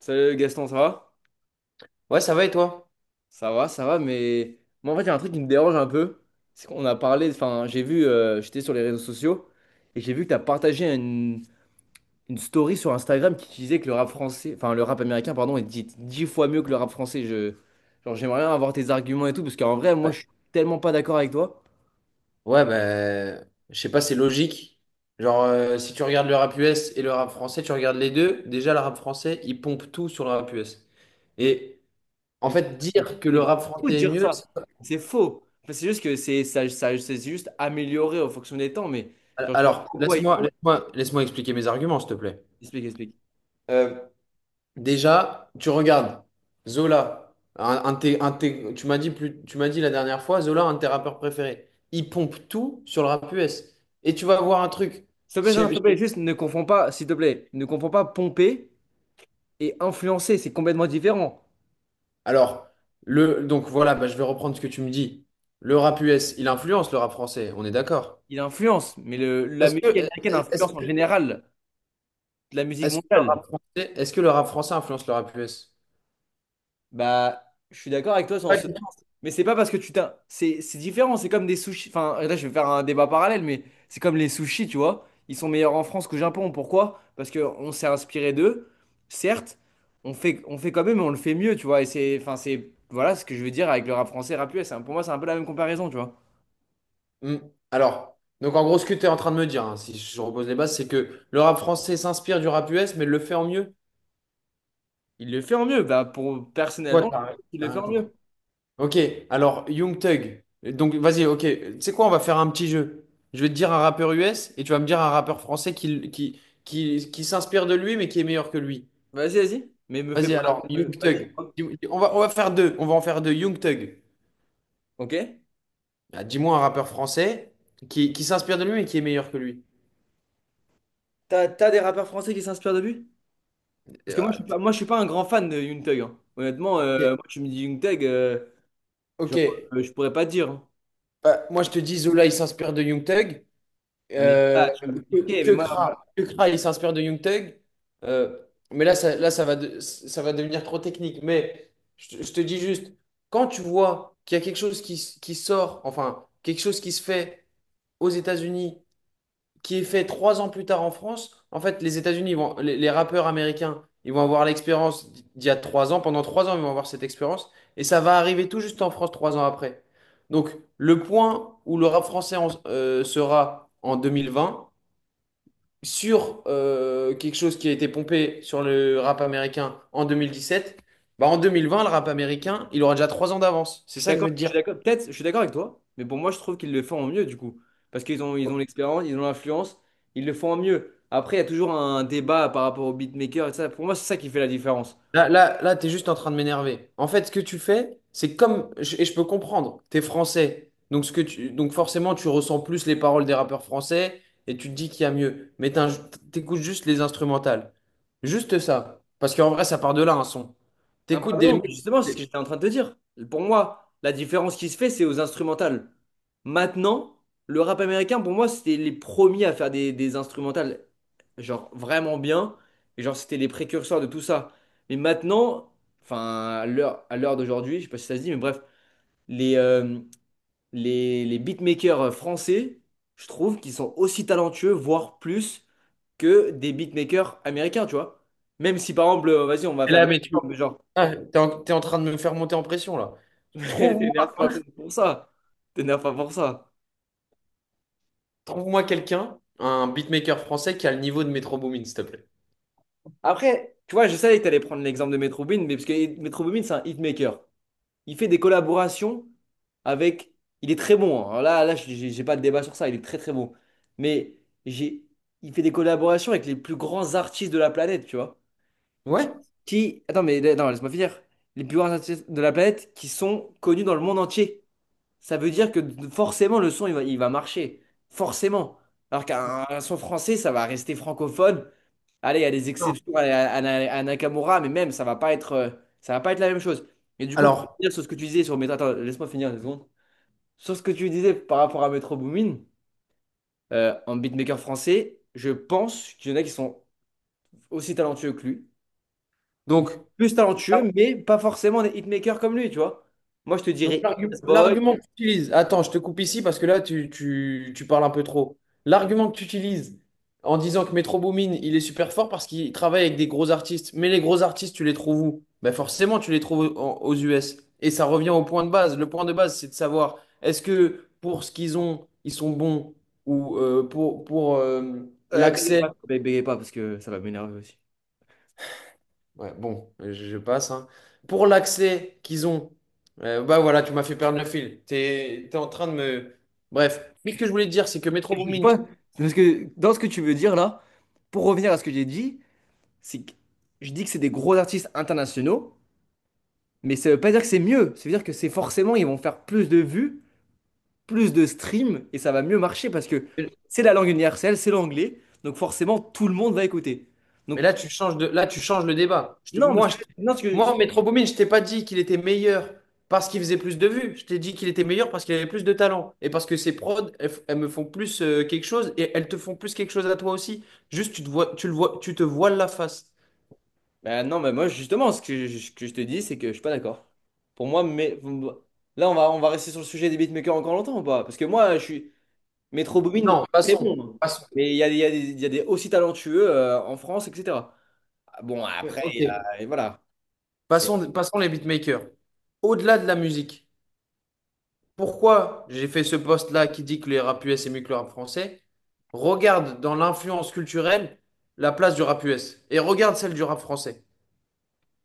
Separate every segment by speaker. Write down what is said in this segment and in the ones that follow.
Speaker 1: Salut Gaston, ça va?
Speaker 2: Ouais, ça va et toi?
Speaker 1: Ça va, ça va, mais moi en fait, il y a un truc qui me dérange un peu. C'est qu'on a parlé, enfin, j'ai vu, j'étais sur les réseaux sociaux et j'ai vu que tu as partagé une story sur Instagram qui disait que le rap français, enfin, le rap américain, pardon, est dix fois mieux que le rap français. Genre, j'aimerais bien avoir tes arguments et tout, parce qu'en vrai, moi,
Speaker 2: Ouais.
Speaker 1: je suis tellement pas d'accord avec toi.
Speaker 2: Ouais, bah, je sais pas, c'est logique. Genre, si tu regardes le rap US et le rap français, tu regardes les deux. Déjà, le rap français, il pompe tout sur le rap US. Et en
Speaker 1: Mais,
Speaker 2: fait, dire que
Speaker 1: mais
Speaker 2: le
Speaker 1: c'est
Speaker 2: rap
Speaker 1: faux de
Speaker 2: français est
Speaker 1: dire
Speaker 2: mieux, c'est-
Speaker 1: ça. C'est faux. Enfin, c'est juste que c'est c'est juste amélioré en fonction des temps, mais genre, je vois pas
Speaker 2: alors,
Speaker 1: pourquoi ils
Speaker 2: laisse-moi,
Speaker 1: font.
Speaker 2: laisse-moi, laisse-moi expliquer mes arguments, s'il te plaît.
Speaker 1: Explique, explique.
Speaker 2: Euh, Déjà, tu regardes Zola, tu m'as dit plus, tu m'as dit la dernière fois, Zola, un de tes rappeurs préférés. Il pompe tout sur le rap US. Et tu vas voir un truc.
Speaker 1: S'il te plaît, non, s'il te plaît, juste ne confonds pas, s'il te plaît, ne confonds pas pomper et influencer, c'est complètement différent.
Speaker 2: Alors, donc voilà, bah, je vais reprendre ce que tu me dis. Le rap US, il influence le rap français, on est d'accord.
Speaker 1: Il influence, mais la
Speaker 2: Est-ce
Speaker 1: musique
Speaker 2: que,
Speaker 1: américaine
Speaker 2: est-ce
Speaker 1: influence en
Speaker 2: que,
Speaker 1: général la musique
Speaker 2: est-ce que le
Speaker 1: mondiale.
Speaker 2: rap français, est-ce que le rap français influence le rap US?
Speaker 1: Bah, je suis d'accord avec toi dans
Speaker 2: Pas
Speaker 1: ce
Speaker 2: du tout.
Speaker 1: sens. Mais c'est pas parce que tu t'as. C'est différent, c'est comme des sushis. Enfin, là, je vais faire un débat parallèle, mais c'est comme les sushis, tu vois. Ils sont meilleurs en France qu'au Japon. Pourquoi? Parce qu'on s'est inspiré d'eux, certes, on fait quand même, mais on le fait mieux, tu vois. Et c'est. Enfin, c'est. Voilà ce que je veux dire avec le rap français, rap US. C'est pour moi, c'est un peu la même comparaison, tu vois.
Speaker 2: Hmm. Alors, donc en gros, ce que tu es en train de me dire, hein, si je repose les bases, c'est que le rap français s'inspire du rap US, mais le fait en mieux.
Speaker 1: Il le fait en mieux.
Speaker 2: Toi,
Speaker 1: Personnellement,
Speaker 2: t'as rien
Speaker 1: il
Speaker 2: t'as
Speaker 1: le fait
Speaker 2: rien
Speaker 1: en
Speaker 2: compris.
Speaker 1: mieux.
Speaker 2: Ok, alors Young Thug. Donc vas-y, ok. Tu sais quoi, on va faire un petit jeu. Je vais te dire un rappeur US et tu vas me dire un rappeur français qui s'inspire de lui mais qui est meilleur que lui.
Speaker 1: Vas-y, vas-y. Mais me fais
Speaker 2: Vas-y,
Speaker 1: pas.
Speaker 2: alors, Young
Speaker 1: Vas-y.
Speaker 2: Thug. On va faire deux. On va en faire deux. Young Thug.
Speaker 1: Ok?
Speaker 2: Dis-moi un rappeur français qui s'inspire de lui et qui est meilleur que lui.
Speaker 1: T'as des rappeurs français qui s'inspirent de lui? Parce que
Speaker 2: Euh, Ah, t-
Speaker 1: moi, je suis pas un grand fan de Young Thug, hein. Honnêtement,
Speaker 2: ok.
Speaker 1: moi, tu me dis Young Thug,
Speaker 2: Ok.
Speaker 1: genre, je pourrais pas te dire, hein.
Speaker 2: Bah, moi, je te dis, Zola, il s'inspire de Young Thug.
Speaker 1: Ah, mais
Speaker 2: Euh,
Speaker 1: ça, tu- ok,
Speaker 2: que
Speaker 1: mais moi, voilà,
Speaker 2: Kra. Que Kra, il s'inspire de Young Thug. Euh, mais là, ça va ça va devenir trop technique. Mais je te dis juste, quand tu vois qu'il y a quelque chose qui sort, enfin, quelque chose qui se fait aux États-Unis qui est fait 3 ans plus tard en France. En fait, les États-Unis vont, les rappeurs américains, ils vont avoir l'expérience d'il y a 3 ans. Pendant 3 ans, ils vont avoir cette expérience. Et ça va arriver tout juste en France 3 ans après. Donc, le point où le rap français sera en 2020 sur quelque chose qui a été pompé sur le rap américain en 2017, bah en 2020, le rap américain, il aura déjà 3 ans d'avance. C'est
Speaker 1: je suis
Speaker 2: ça que je
Speaker 1: d'accord,
Speaker 2: veux te
Speaker 1: je
Speaker 2: dire.
Speaker 1: suis d'accord. Peut-être, je suis d'accord avec toi. Mais pour moi, je trouve qu'ils le font en mieux, du coup. Parce ils ont l'expérience, ils ont l'influence, ils le font en mieux. Après, il y a toujours un débat par rapport au beatmaker et ça. Pour moi, c'est ça qui fait la différence.
Speaker 2: Là, t'es juste en train de m'énerver. En fait, ce que tu fais, c'est comme, et je peux comprendre, t'es français, donc ce que tu, donc forcément, tu ressens plus les paroles des rappeurs français et tu te dis qu'il y a mieux. Mais t'écoutes juste les instrumentales, juste ça, parce qu'en vrai, ça part de là un son.
Speaker 1: Ah,
Speaker 2: T'écoutes des
Speaker 1: pardon, mais
Speaker 2: mecs.
Speaker 1: justement, c'est ce que
Speaker 2: Et
Speaker 1: j'étais en train de te dire. Pour moi, la différence qui se fait, c'est aux instrumentales. Maintenant, le rap américain, pour moi, c'était les premiers à faire des instrumentales, genre vraiment bien. Et genre, c'était les précurseurs de tout ça. Mais maintenant, enfin, à l'heure d'aujourd'hui, je sais pas si ça se dit, mais bref, les, euh, les beatmakers français, je trouve qu'ils sont aussi talentueux, voire plus, que des beatmakers américains, tu vois. Même si, par exemple, vas-y, on va faire des.
Speaker 2: là, mais tu,
Speaker 1: Exemples, mais genre,
Speaker 2: t'es t'es en train de me faire monter en pression là. Trouve-moi,
Speaker 1: t'énerves pas pour ça. T'énerves pas pour ça.
Speaker 2: trouve-moi quelqu'un, un beatmaker français qui a le niveau de Metro Boomin, s'il te plaît.
Speaker 1: Après, tu vois, je savais que t'allais prendre l'exemple de Metro Boomin, mais parce que Metro Boomin, c'est un hitmaker. Il fait des collaborations avec. Il est très bon, hein. Alors là, là, j'ai pas de débat sur ça. Il est très très bon. Mais j'ai, il fait des collaborations avec les plus grands artistes de la planète, tu vois. Qui,
Speaker 2: Ouais.
Speaker 1: Attends, mais non, laisse-moi finir. Les plus grands artistes de la planète qui sont connus dans le monde entier. Ça veut dire que forcément le son il va marcher. Forcément. Alors qu'un un son français, ça va rester francophone. Allez, il y a des
Speaker 2: Non.
Speaker 1: exceptions à Nakamura, mais même ça va pas être, ça va pas être la même chose. Et du coup, pour
Speaker 2: Alors,
Speaker 1: finir sur ce que tu disais sur Metro, attends, laisse-moi finir une seconde. Sur ce que tu disais par rapport à Metro Boomin, en beatmaker français, je pense qu'il y en a qui sont aussi talentueux que lui.
Speaker 2: donc.
Speaker 1: Plus talentueux, mais pas forcément des hitmakers comme lui, tu vois. Moi, je te
Speaker 2: Donc,
Speaker 1: dirais Boy,
Speaker 2: l'argument que tu utilises, attends, je te coupe ici parce que là, tu parles un peu trop. L'argument que tu utilises en disant que Metro Boomin, il est super fort parce qu'il travaille avec des gros artistes, mais les gros artistes, tu les trouves où? Ben forcément, tu les trouves aux US. Et ça revient au point de base. Le point de base, c'est de savoir est-ce que pour ce qu'ils ont, ils sont bons ou pour l'accès.
Speaker 1: bégayez pas parce que ça va m'énerver aussi.
Speaker 2: Ouais, bon, je passe, hein. Pour l'accès qu'ils ont, bah voilà, tu m'as fait perdre le fil. T'es en train de me. Bref, mais ce que je voulais te dire, c'est que Metro
Speaker 1: Je
Speaker 2: Boomin,
Speaker 1: vois, c'est parce que dans ce que tu veux dire là, pour revenir à ce que j'ai dit, c'est que je dis que c'est des gros artistes internationaux, mais ça veut pas dire que c'est mieux. Ça veut dire que c'est forcément, ils vont faire plus de vues, plus de streams, et ça va mieux marcher parce que
Speaker 2: tu-
Speaker 1: c'est la langue universelle, c'est l'anglais, donc forcément tout le monde va écouter.
Speaker 2: mais
Speaker 1: Donc,
Speaker 2: là, là, tu changes le débat. Je te-
Speaker 1: non, parce
Speaker 2: moi,
Speaker 1: que,
Speaker 2: je,
Speaker 1: non, ce que,
Speaker 2: moi, Metro Boomin, je t'ai pas dit qu'il était meilleur parce qu'il faisait plus de vues. Je t'ai dit qu'il était meilleur parce qu'il avait plus de talent. Et parce que ses prods, elles me font plus quelque chose et elles te font plus quelque chose à toi aussi. Juste, tu te vois, tu le vois, tu te voiles la face.
Speaker 1: bah, non, mais moi justement, ce que je te dis, c'est que je suis pas d'accord. Pour moi, mais bon, là, on va rester sur le sujet des beatmakers encore longtemps ou pas? Parce que moi, je suis. Metro Boomin, il
Speaker 2: Non,
Speaker 1: est très
Speaker 2: passons.
Speaker 1: bon, hein.
Speaker 2: Passons.
Speaker 1: Mais il y a des aussi talentueux en France, etc. Ah, bon, après,
Speaker 2: Ok.
Speaker 1: et voilà. C'est...
Speaker 2: Passons, passons les beatmakers. Au-delà de la musique. Pourquoi j'ai fait ce post-là qui dit que le rap US est mieux que le rap français, regarde dans l'influence culturelle la place du rap US et regarde celle du rap français.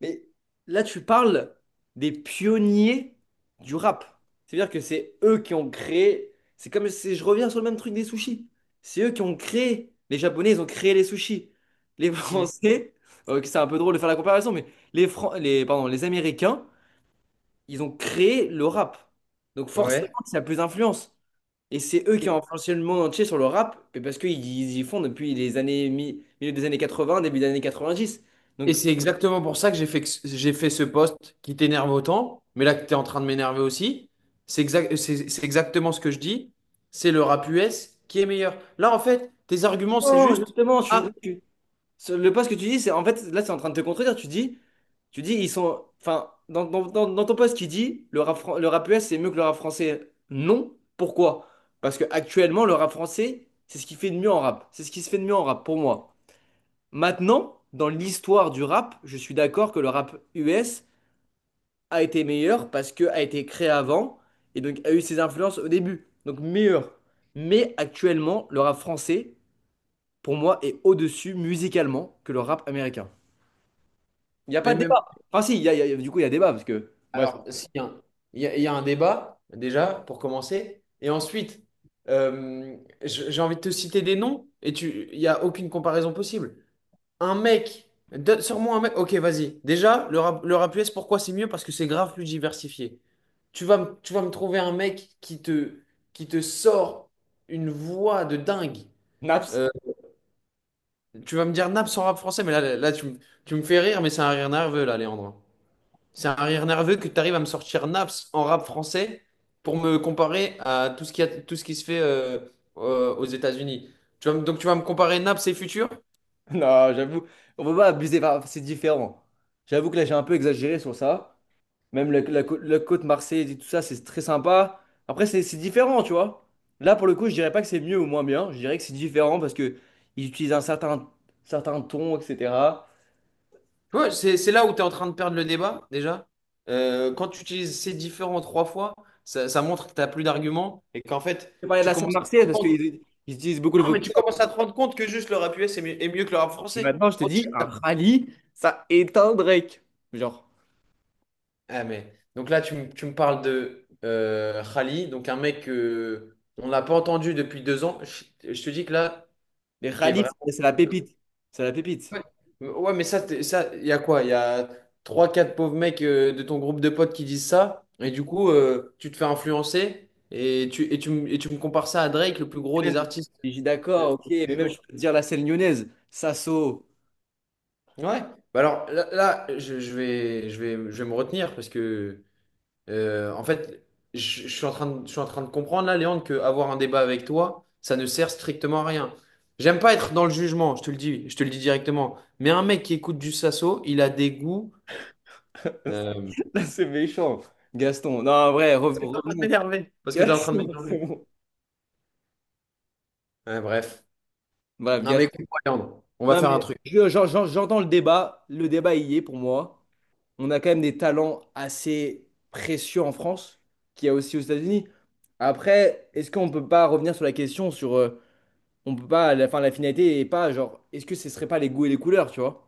Speaker 1: Mais là, tu parles des pionniers du rap. C'est-à-dire que c'est eux qui ont créé. C'est comme si je reviens sur le même truc des sushis. C'est eux qui ont créé. Les Japonais, ils ont créé les sushis. Les
Speaker 2: Mm.
Speaker 1: Français, c'est un peu drôle de faire la comparaison, mais pardon, les Américains, ils ont créé le rap. Donc forcément,
Speaker 2: Ouais.
Speaker 1: il y a plus d'influence. Et c'est eux qui ont
Speaker 2: Et,
Speaker 1: influencé le monde entier sur le rap, mais parce qu'ils ils y font depuis les années, milieu des années 80, début des années 90.
Speaker 2: et
Speaker 1: Donc,
Speaker 2: c'est exactement pour ça que j'ai fait, j'ai fait ce post qui t'énerve autant, mais là que tu es en train de m'énerver aussi. C'est exact, c'est exactement ce que je dis. C'est le rap US qui est meilleur. Là, en fait, tes arguments, c'est
Speaker 1: non,
Speaker 2: juste.
Speaker 1: justement, je suis,
Speaker 2: Ah,
Speaker 1: tu- sur le post que tu dis, c'est en fait, là, c'est en train de te contredire. Tu dis, ils sont, enfin, dans, dans- dans- dans ton post, qui dit, le rap US, c'est mieux que le rap français. Non. Pourquoi? Parce que actuellement, le rap français, c'est ce qui fait de mieux en rap. C'est ce qui se fait de mieux en rap, pour moi. Maintenant, dans l'histoire du rap, je suis d'accord que le rap US a été meilleur parce que a été créé avant et donc a eu ses influences au début. Donc meilleur. Mais actuellement, le rap français, pour moi, est au-dessus musicalement que le rap américain. Il n'y a pas
Speaker 2: mais,
Speaker 1: de
Speaker 2: même.
Speaker 1: débat. Enfin si, du coup, il y a débat parce que... Bref,
Speaker 2: Alors, s'il y a un- il y a un débat, déjà, pour commencer. Et ensuite, j'ai envie de te citer des noms et tu, il n'y a aucune comparaison possible. Un mec, sors-moi un mec. Ok, vas-y. Déjà, le rap US, pourquoi c'est mieux? Parce que c'est grave plus diversifié. Tu vas me trouver un mec qui te sort une voix de dingue.
Speaker 1: Naps.
Speaker 2: Euh, tu vas me dire Naps en rap français, mais tu me fais rire, mais c'est un rire nerveux, là, Léandre. C'est un rire nerveux que tu arrives à me sortir Naps en rap français pour me comparer à tout tout ce qui se fait aux États-Unis. Donc tu vas me comparer Naps et Futur?
Speaker 1: Non, j'avoue, on peut pas abuser, enfin, c'est différent. J'avoue que là, j'ai un peu exagéré sur ça. Même la côte marseillaise et tout ça, c'est très sympa. Après, c'est différent, tu vois. Là, pour le coup, je dirais pas que c'est mieux ou moins bien. Je dirais que c'est différent parce que ils utilisent certain ton, etc.
Speaker 2: Ouais, c'est là où tu es en train de perdre le débat déjà. Quand tu utilises ces différents trois fois, ça montre que tu n'as plus d'arguments et qu'en fait,
Speaker 1: Je parlais de
Speaker 2: tu
Speaker 1: la scène
Speaker 2: commences à te
Speaker 1: marseillaise parce
Speaker 2: rendre compte.
Speaker 1: qu'ils ils utilisent beaucoup le
Speaker 2: Non, mais tu
Speaker 1: vocabulaire.
Speaker 2: commences à te rendre compte que juste le rap US est mieux que le rap
Speaker 1: Et
Speaker 2: français.
Speaker 1: maintenant, je te dis, un rallye, ça éteint Drake. Genre,
Speaker 2: Ah, mais... Donc là, tu me parles de Khali, donc un mec que on n'a pas entendu depuis 2 ans. Je te dis que là,
Speaker 1: les
Speaker 2: t'es
Speaker 1: rallyes,
Speaker 2: vraiment.
Speaker 1: c'est la pépite. C'est la pépite.
Speaker 2: Ouais, Ouais, mais ça, ça, il y a quoi? Il y a trois, quatre pauvres mecs de ton groupe de potes qui disent ça, et du coup, tu te fais influencer, et tu me compares ça à Drake, le plus gros
Speaker 1: Et
Speaker 2: des
Speaker 1: même,
Speaker 2: artistes.
Speaker 1: je dis d'accord, ok, mais même, je peux te dire la scène lyonnaise, Sasso.
Speaker 2: Ouais. Bah alors je vais me retenir parce que en fait, je, je suis en train de comprendre là, Léandre, que avoir un débat avec toi, ça ne sert strictement à rien. J'aime pas être dans le jugement, je te le dis, je te le dis directement. Mais un mec qui écoute du Sasso, il a des goûts. Euh...
Speaker 1: Là, c'est méchant, Gaston. Non, en vrai,
Speaker 2: Parce que t'es en train de
Speaker 1: revenons.
Speaker 2: m'énerver. Parce que t'es en train de
Speaker 1: Gaston, c'est
Speaker 2: m'énerver.
Speaker 1: bon.
Speaker 2: Ouais, bref.
Speaker 1: Bref,
Speaker 2: Non mais
Speaker 1: Gaston.
Speaker 2: écoute Léandre, on va
Speaker 1: Non,
Speaker 2: faire un
Speaker 1: mais
Speaker 2: truc.
Speaker 1: j'entends le débat. Le débat y est pour moi. On a quand même des talents assez précieux en France, qu'il y a aussi aux États-Unis. Après, est-ce qu'on peut pas revenir sur la question sur, on peut pas, la finalité et pas genre, est-ce que ce serait pas les goûts et les couleurs, tu vois?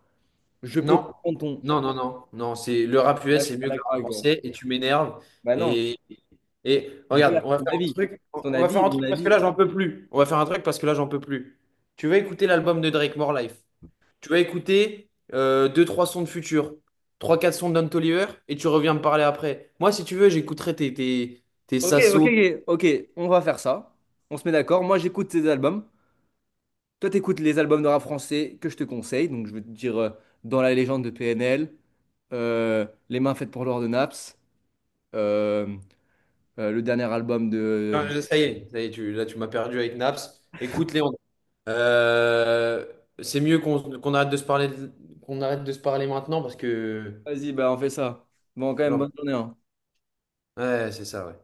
Speaker 1: Je peux
Speaker 2: Non,
Speaker 1: comprendre ton.
Speaker 2: non, c'est le rap
Speaker 1: Là,
Speaker 2: US
Speaker 1: je suis
Speaker 2: c'est
Speaker 1: pas
Speaker 2: mieux que le
Speaker 1: d'accord
Speaker 2: rap
Speaker 1: avec toi.
Speaker 2: français et tu m'énerves.
Speaker 1: Bah non.
Speaker 2: Et, et
Speaker 1: Du coup, là,
Speaker 2: regarde, on va
Speaker 1: c'est ton
Speaker 2: faire un
Speaker 1: avis.
Speaker 2: truc,
Speaker 1: C'est ton
Speaker 2: on va faire
Speaker 1: avis,
Speaker 2: un
Speaker 1: mon
Speaker 2: truc parce que
Speaker 1: avis.
Speaker 2: là j'en peux plus. On va faire un truc parce que là j'en peux plus. Tu vas écouter l'album de Drake, More Life. Tu vas écouter deux, trois sons de Future, trois, quatre sons de Don Toliver et tu reviens me parler après. Moi, si tu veux, j'écouterai tes
Speaker 1: Ok, ok,
Speaker 2: Sasso.
Speaker 1: ok. Ok, on va faire ça. On se met d'accord. Moi, j'écoute tes albums. Toi, t'écoutes les albums de rap français que je te conseille. Donc, je vais te dire Dans la légende de PNL, Les mains faites pour l'or de Naps, euh, le dernier album
Speaker 2: Non,
Speaker 1: de.
Speaker 2: je- ça y est, là tu m'as perdu avec Naps. Écoute-les, on Euh, c'est mieux qu'on arrête de se parler, qu'on arrête de se parler maintenant parce que.
Speaker 1: Vas-y, bah, on fait ça. Bon, quand même, bonne journée, hein.
Speaker 2: Ouais, c'est ça, ouais.